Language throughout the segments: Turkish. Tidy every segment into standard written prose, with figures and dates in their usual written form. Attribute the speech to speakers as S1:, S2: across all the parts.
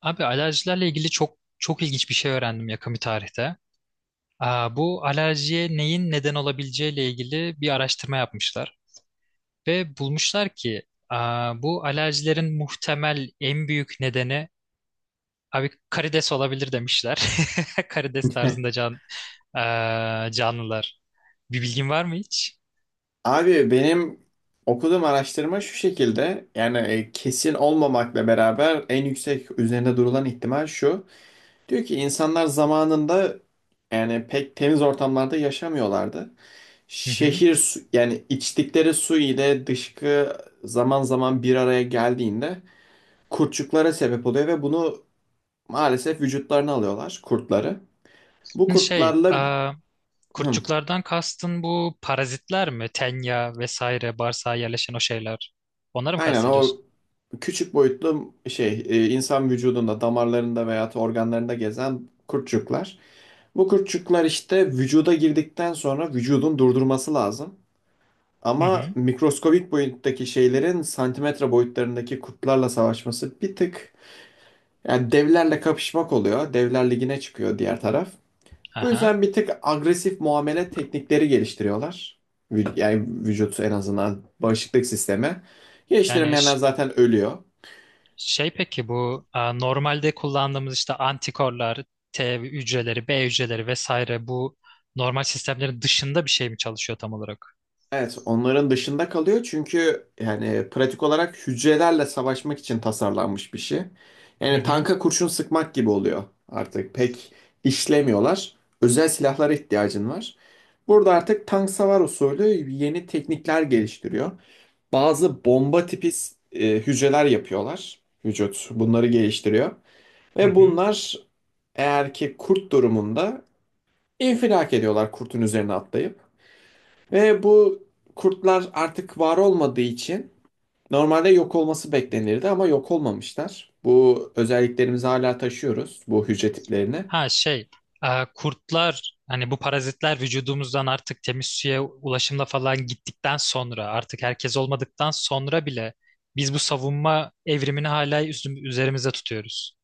S1: Abi alerjilerle ilgili çok çok ilginç bir şey öğrendim yakın bir tarihte. Bu alerjiye neyin neden olabileceğiyle ilgili bir araştırma yapmışlar ve bulmuşlar ki bu alerjilerin muhtemel en büyük nedeni abi karides olabilir demişler. Karides tarzında canlılar. Bir bilgin var mı hiç?
S2: Abi benim okuduğum araştırma şu şekilde kesin olmamakla beraber en yüksek üzerinde durulan ihtimal şu. Diyor ki insanlar zamanında yani pek temiz ortamlarda yaşamıyorlardı.
S1: Hı hı.
S2: Şehir su, yani içtikleri su ile dışkı zaman zaman bir araya geldiğinde kurtçuklara sebep oluyor ve bunu maalesef vücutlarına alıyorlar kurtları. Bu
S1: Hı, Şey,
S2: kurtlarla
S1: aa,
S2: Hım,
S1: kurtçuklardan kastın bu parazitler mi? Tenya vesaire bağırsağa yerleşen o şeyler. Onları mı
S2: aynen o
S1: kastediyorsun?
S2: küçük boyutlu insan vücudunda damarlarında veya organlarında gezen kurtçuklar. Bu kurtçuklar işte vücuda girdikten sonra vücudun durdurması lazım.
S1: Hı
S2: Ama
S1: hı.
S2: mikroskobik boyuttaki şeylerin santimetre boyutlarındaki kurtlarla savaşması bir tık yani devlerle kapışmak oluyor. Devler ligine çıkıyor diğer taraf. Bu
S1: Aha.
S2: yüzden bir tık agresif muamele teknikleri geliştiriyorlar. Yani vücut en azından bağışıklık sistemi.
S1: Yani
S2: Geliştiremeyenler zaten ölüyor.
S1: şey, peki bu normalde kullandığımız işte antikorlar, T hücreleri, B hücreleri vesaire bu normal sistemlerin dışında bir şey mi çalışıyor tam olarak?
S2: Evet, onların dışında kalıyor çünkü yani pratik olarak hücrelerle savaşmak için tasarlanmış bir şey.
S1: Hı
S2: Yani
S1: hı.
S2: tanka kurşun sıkmak gibi oluyor artık. Pek işlemiyorlar. Özel silahlara ihtiyacın var. Burada artık tank savar usulü yeni teknikler geliştiriyor. Bazı bomba tipi hücreler yapıyorlar. Vücut bunları geliştiriyor.
S1: Hı
S2: Ve
S1: hı.
S2: bunlar eğer ki kurt durumunda infilak ediyorlar kurtun üzerine atlayıp. Ve bu kurtlar artık var olmadığı için normalde yok olması beklenirdi ama yok olmamışlar. Bu özelliklerimizi hala taşıyoruz bu hücre tiplerini.
S1: Ha şey e, kurtlar hani bu parazitler vücudumuzdan artık temiz suya ulaşımla falan gittikten sonra artık herkes olmadıktan sonra bile biz bu savunma evrimini hala üzerimizde tutuyoruz.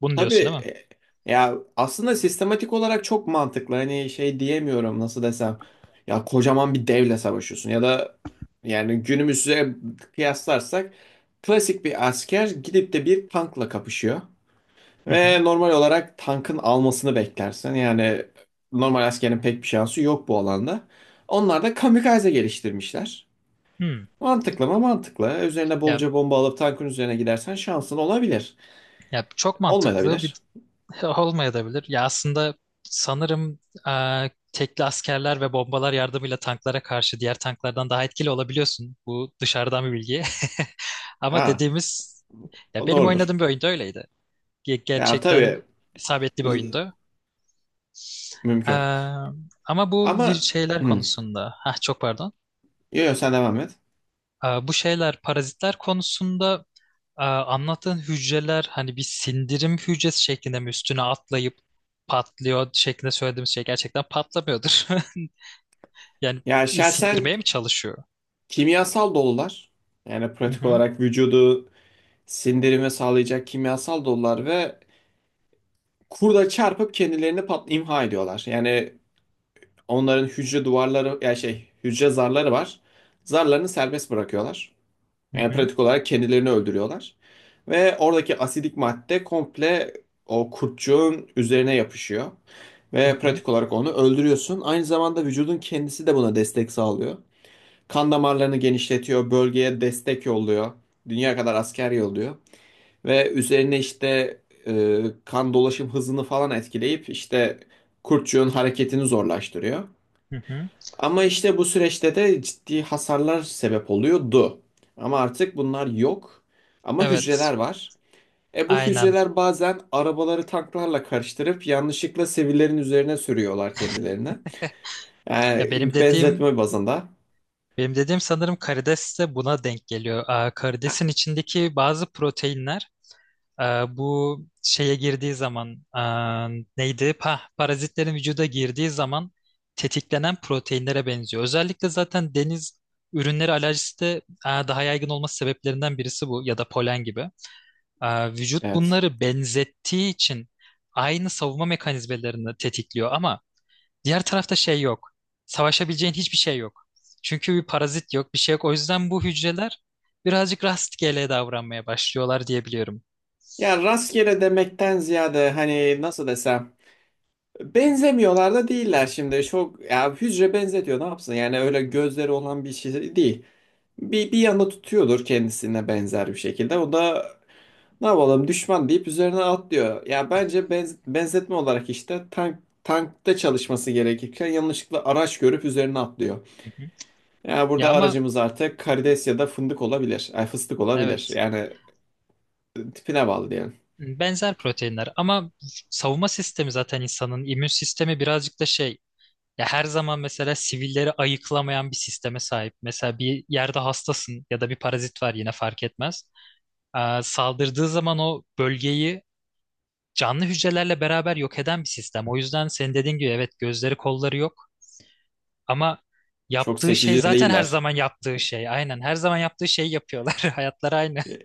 S1: Bunu
S2: Tabii
S1: diyorsun değil mi?
S2: e, ya aslında sistematik olarak çok mantıklı. Hani şey diyemiyorum nasıl desem. Ya kocaman bir devle savaşıyorsun ya da yani günümüze kıyaslarsak klasik bir asker gidip de bir tankla kapışıyor.
S1: Hı hı.
S2: Ve normal olarak tankın almasını beklersin. Yani normal askerin pek bir şansı yok bu alanda. Onlar da kamikaze geliştirmişler.
S1: Hı.
S2: Mantıklı mı? Mantıklı. Üzerine
S1: Ya,
S2: bolca bomba alıp tankın üzerine gidersen şansın olabilir.
S1: ya çok mantıklı.
S2: Olmayabilir.
S1: Olmayabilir. Ya aslında sanırım tekli askerler ve bombalar yardımıyla tanklara karşı diğer tanklardan daha etkili olabiliyorsun. Bu dışarıdan bir bilgi. Ama
S2: Ha,
S1: dediğimiz, ya
S2: o
S1: benim
S2: doğrudur.
S1: oynadığım bir oyunda öyleydi.
S2: Ya tabii
S1: Gerçekten isabetli bir
S2: z-
S1: oyundu. Eee,
S2: mümkün.
S1: Ama bu
S2: Ama
S1: şeyler
S2: hı,
S1: konusunda, ha, çok pardon.
S2: sen devam et.
S1: Bu şeyler, parazitler konusunda. Anlattığın hücreler hani bir sindirim hücresi şeklinde mi üstüne atlayıp patlıyor şeklinde söylediğimiz şey gerçekten patlamıyordur. Yani
S2: Ya şahsen
S1: sindirmeye mi çalışıyor?
S2: kimyasal dolular. Yani
S1: Hı
S2: pratik
S1: hı,
S2: olarak vücudu sindirime sağlayacak kimyasal dolular ve kurda çarpıp kendilerini pat imha ediyorlar. Yani onların hücre duvarları ya şey hücre zarları var. Zarlarını serbest bırakıyorlar.
S1: hı
S2: Yani
S1: hı,
S2: pratik olarak kendilerini öldürüyorlar. Ve oradaki asidik madde komple o kurtçuğun üzerine yapışıyor.
S1: hı
S2: Ve
S1: hı,
S2: pratik olarak onu öldürüyorsun. Aynı zamanda vücudun kendisi de buna destek sağlıyor. Kan damarlarını genişletiyor, bölgeye destek yolluyor. Dünya kadar asker yolluyor. Ve üzerine işte kan dolaşım hızını falan etkileyip işte kurtçuğun hareketini zorlaştırıyor.
S1: hı hı.
S2: Ama işte bu süreçte de ciddi hasarlar sebep oluyordu. Ama artık bunlar yok. Ama
S1: Evet,
S2: hücreler var. E bu
S1: aynen.
S2: hücreler bazen arabaları tanklarla karıştırıp yanlışlıkla sivillerin üzerine sürüyorlar kendilerine.
S1: Ya benim
S2: Yani
S1: dediğim
S2: benzetme bazında.
S1: benim dediğim sanırım karides de buna denk geliyor. Karidesin içindeki bazı proteinler, Ee, bu şeye girdiği zaman neydi? Parazitlerin vücuda girdiği zaman tetiklenen proteinlere benziyor. Özellikle zaten deniz ürünleri alerjisi de daha yaygın olması sebeplerinden birisi bu, ya da polen gibi. Vücut
S2: Evet.
S1: bunları benzettiği için aynı savunma mekanizmalarını tetikliyor, ama diğer tarafta şey yok. Savaşabileceğin hiçbir şey yok. Çünkü bir parazit yok, bir şey yok. O yüzden bu hücreler birazcık rastgele davranmaya başlıyorlar diyebiliyorum.
S2: Ya rastgele demekten ziyade hani nasıl desem. Benzemiyorlar da değiller şimdi. Çok ya hücre benzetiyor ne yapsın? Yani öyle gözleri olan bir şey değil. Bir yana tutuyordur kendisine benzer bir şekilde. O da ne yapalım düşman deyip üzerine atlıyor. Ya bence benzetme olarak işte tank tankta çalışması gerekirken yanlışlıkla araç görüp üzerine atlıyor.
S1: Hı hı.
S2: Ya burada
S1: Ya ama
S2: aracımız artık karides ya da fındık olabilir. Ay fıstık olabilir.
S1: evet,
S2: Yani tipine bağlı diyelim.
S1: benzer proteinler, ama savunma sistemi, zaten insanın immün sistemi birazcık da şey, ya her zaman mesela sivilleri ayıklamayan bir sisteme sahip. Mesela bir yerde hastasın ya da bir parazit var, yine fark etmez. Saldırdığı zaman o bölgeyi canlı hücrelerle beraber yok eden bir sistem. O yüzden senin dediğin gibi, evet, gözleri kolları yok, ama
S2: Çok
S1: yaptığı şey
S2: seçici
S1: zaten her
S2: değiller.
S1: zaman yaptığı şey. Aynen, her zaman yaptığı şeyi yapıyorlar. Hayatları aynı.
S2: E,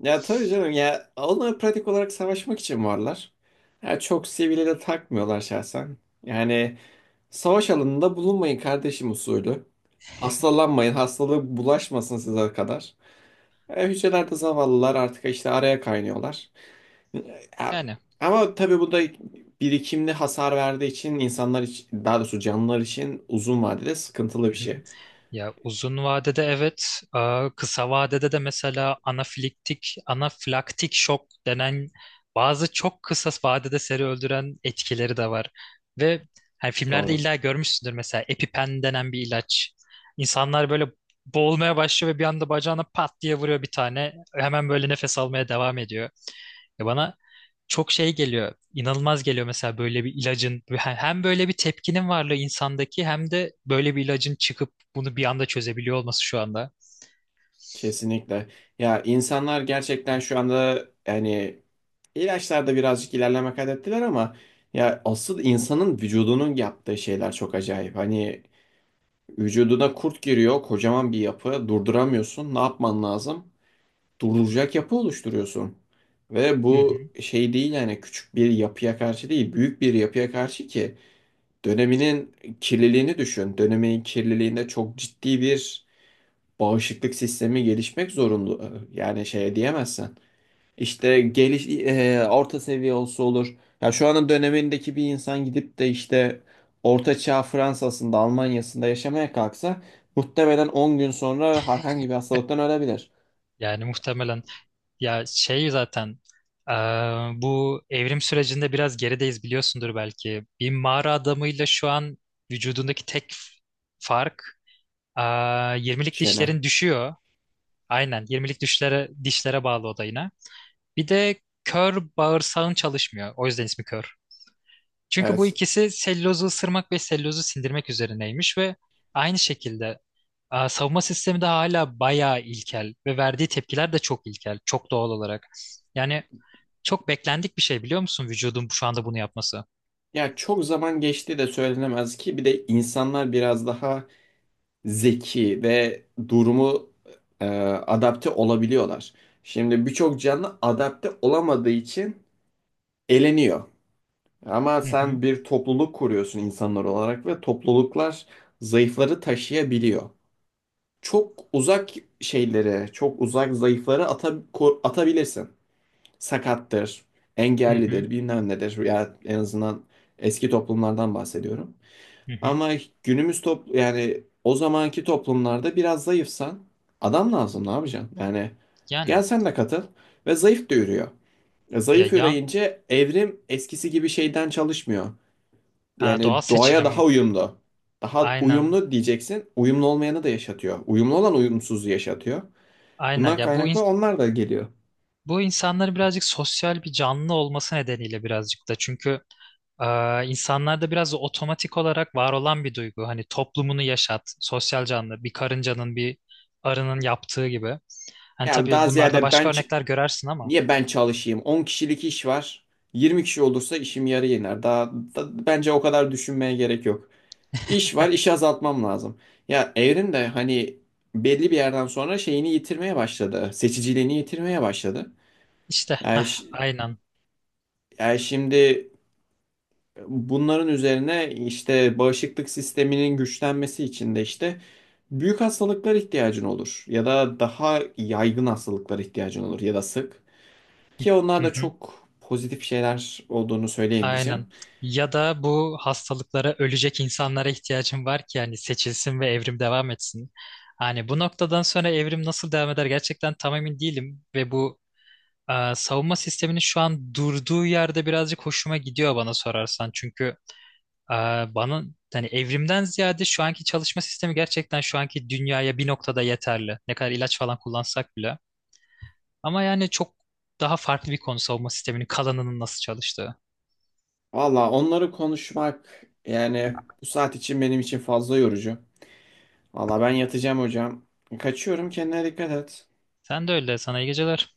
S2: ya tabii canım ya onlar pratik olarak savaşmak için varlar. Ya çok sivile de takmıyorlar şahsen. Yani savaş alanında bulunmayın kardeşim usulü. Hastalanmayın, hastalığı bulaşmasın size kadar. E, hücrelerde zavallılar artık işte araya kaynıyorlar. E,
S1: Yani.
S2: ama tabii bu da birikimli hasar verdiği için insanlar için, daha doğrusu canlılar için uzun vadede sıkıntılı
S1: Hı
S2: bir şey.
S1: hı. Ya uzun vadede evet, kısa vadede de mesela anafilaktik şok denen bazı çok kısa vadede seri öldüren etkileri de var. Ve hani filmlerde
S2: Doğru.
S1: illa görmüşsündür, mesela EpiPen denen bir ilaç. İnsanlar böyle boğulmaya başlıyor ve bir anda bacağına pat diye vuruyor bir tane. Hemen böyle nefes almaya devam ediyor. Ya bana çok şey geliyor, inanılmaz geliyor mesela böyle bir ilacın, hem böyle bir tepkinin varlığı insandaki, hem de böyle bir ilacın çıkıp bunu bir anda çözebiliyor olması şu anda.
S2: Kesinlikle. Ya insanlar gerçekten şu anda yani ilaçlarda birazcık ilerleme kaydettiler ama ya asıl insanın vücudunun yaptığı şeyler çok acayip. Hani vücuduna kurt giriyor, kocaman bir yapı, durduramıyorsun. Ne yapman lazım? Durduracak yapı oluşturuyorsun. Ve
S1: Hı
S2: bu
S1: hı.
S2: şey değil yani küçük bir yapıya karşı değil, büyük bir yapıya karşı ki döneminin kirliliğini düşün. Dönemin kirliliğinde çok ciddi bir bağışıklık sistemi gelişmek zorunda. Yani şey diyemezsen. İşte orta seviye olsa olur. Ya şu anın dönemindeki bir insan gidip de işte Orta Çağ Fransa'sında, Almanya'sında yaşamaya kalksa muhtemelen 10 gün sonra herhangi bir hastalıktan ölebilir.
S1: Yani
S2: Tamam.
S1: muhtemelen, ya şey, zaten, bu evrim sürecinde biraz gerideyiz, biliyorsundur belki. Bir mağara adamıyla şu an vücudundaki tek fark, eee 20'lik
S2: Çene.
S1: dişlerin düşüyor. Aynen, 20'lik dişlere bağlı o da yine. Bir de kör bağırsağın çalışmıyor. O yüzden ismi kör. Çünkü bu
S2: Evet.
S1: ikisi sellozu ısırmak ve sellozu sindirmek üzerineymiş ve aynı şekilde, savunma sistemi de hala bayağı ilkel ve verdiği tepkiler de çok ilkel, çok doğal olarak. Yani çok beklendik bir şey, biliyor musun, vücudun şu anda bunu yapması?
S2: Ya çok zaman geçti de söylenemez ki bir de insanlar biraz daha zeki ve durumu adapte olabiliyorlar. Şimdi birçok canlı adapte olamadığı için eleniyor. Ama
S1: Hı hı,
S2: sen bir topluluk kuruyorsun insanlar olarak ve topluluklar zayıfları taşıyabiliyor. Çok uzak şeyleri, çok uzak zayıfları atabilirsin. Sakattır,
S1: hı hı,
S2: engellidir, bilmem nedir. Ya en azından eski toplumlardan bahsediyorum.
S1: hı hı.
S2: Ama günümüz top yani o zamanki toplumlarda biraz zayıfsan adam lazım ne yapacaksın? Yani
S1: Yani
S2: gel sen de katıl ve zayıf da yürüyor. E,
S1: ya,
S2: zayıf
S1: ya,
S2: yürüyünce evrim eskisi gibi şeyden çalışmıyor.
S1: doğal
S2: Yani doğaya daha
S1: seçilim,
S2: uyumlu. Daha
S1: aynen,
S2: uyumlu diyeceksin. Uyumlu olmayanı da yaşatıyor. Uyumlu olan uyumsuzu yaşatıyor.
S1: aynen,
S2: Bundan
S1: ya bu
S2: kaynaklı onlar da geliyor.
S1: Bu insanların birazcık sosyal bir canlı olması nedeniyle, birazcık da çünkü, e, insanlarda biraz da otomatik olarak var olan bir duygu. Hani toplumunu yaşat, sosyal canlı, bir karıncanın, bir arının yaptığı gibi. Hani
S2: Ya
S1: tabii
S2: daha
S1: bunlarda
S2: ziyade
S1: başka örnekler görersin, ama
S2: niye ben çalışayım? 10 kişilik iş var. 20 kişi olursa işim yarı iner. Bence o kadar düşünmeye gerek yok. İş var, işi azaltmam lazım. Ya evrim de hani belli bir yerden sonra şeyini yitirmeye başladı. Seçiciliğini yitirmeye başladı.
S1: işte,
S2: Yani, ş-
S1: aynen.
S2: yani şimdi bunların üzerine işte bağışıklık sisteminin güçlenmesi için de işte büyük hastalıklar ihtiyacın olur ya da daha yaygın hastalıklar ihtiyacın olur ya da sık ki onlar
S1: Hı
S2: da
S1: hı,
S2: çok pozitif şeyler olduğunu söyleyemeyeceğim.
S1: aynen. Ya da bu hastalıklara ölecek insanlara ihtiyacım var ki hani seçilsin ve evrim devam etsin. Hani bu noktadan sonra evrim nasıl devam eder gerçekten tam emin değilim, ve bu, savunma sisteminin şu an durduğu yerde birazcık hoşuma gidiyor bana sorarsan. Çünkü, e, bana, hani evrimden ziyade şu anki çalışma sistemi gerçekten şu anki dünyaya bir noktada yeterli. Ne kadar ilaç falan kullansak bile. Ama yani çok daha farklı bir konu savunma sisteminin kalanının nasıl çalıştığı.
S2: Valla onları konuşmak yani bu saat için benim için fazla yorucu. Valla ben yatacağım hocam. Kaçıyorum, kendine dikkat et.
S1: Sen de öyle. Sana iyi geceler.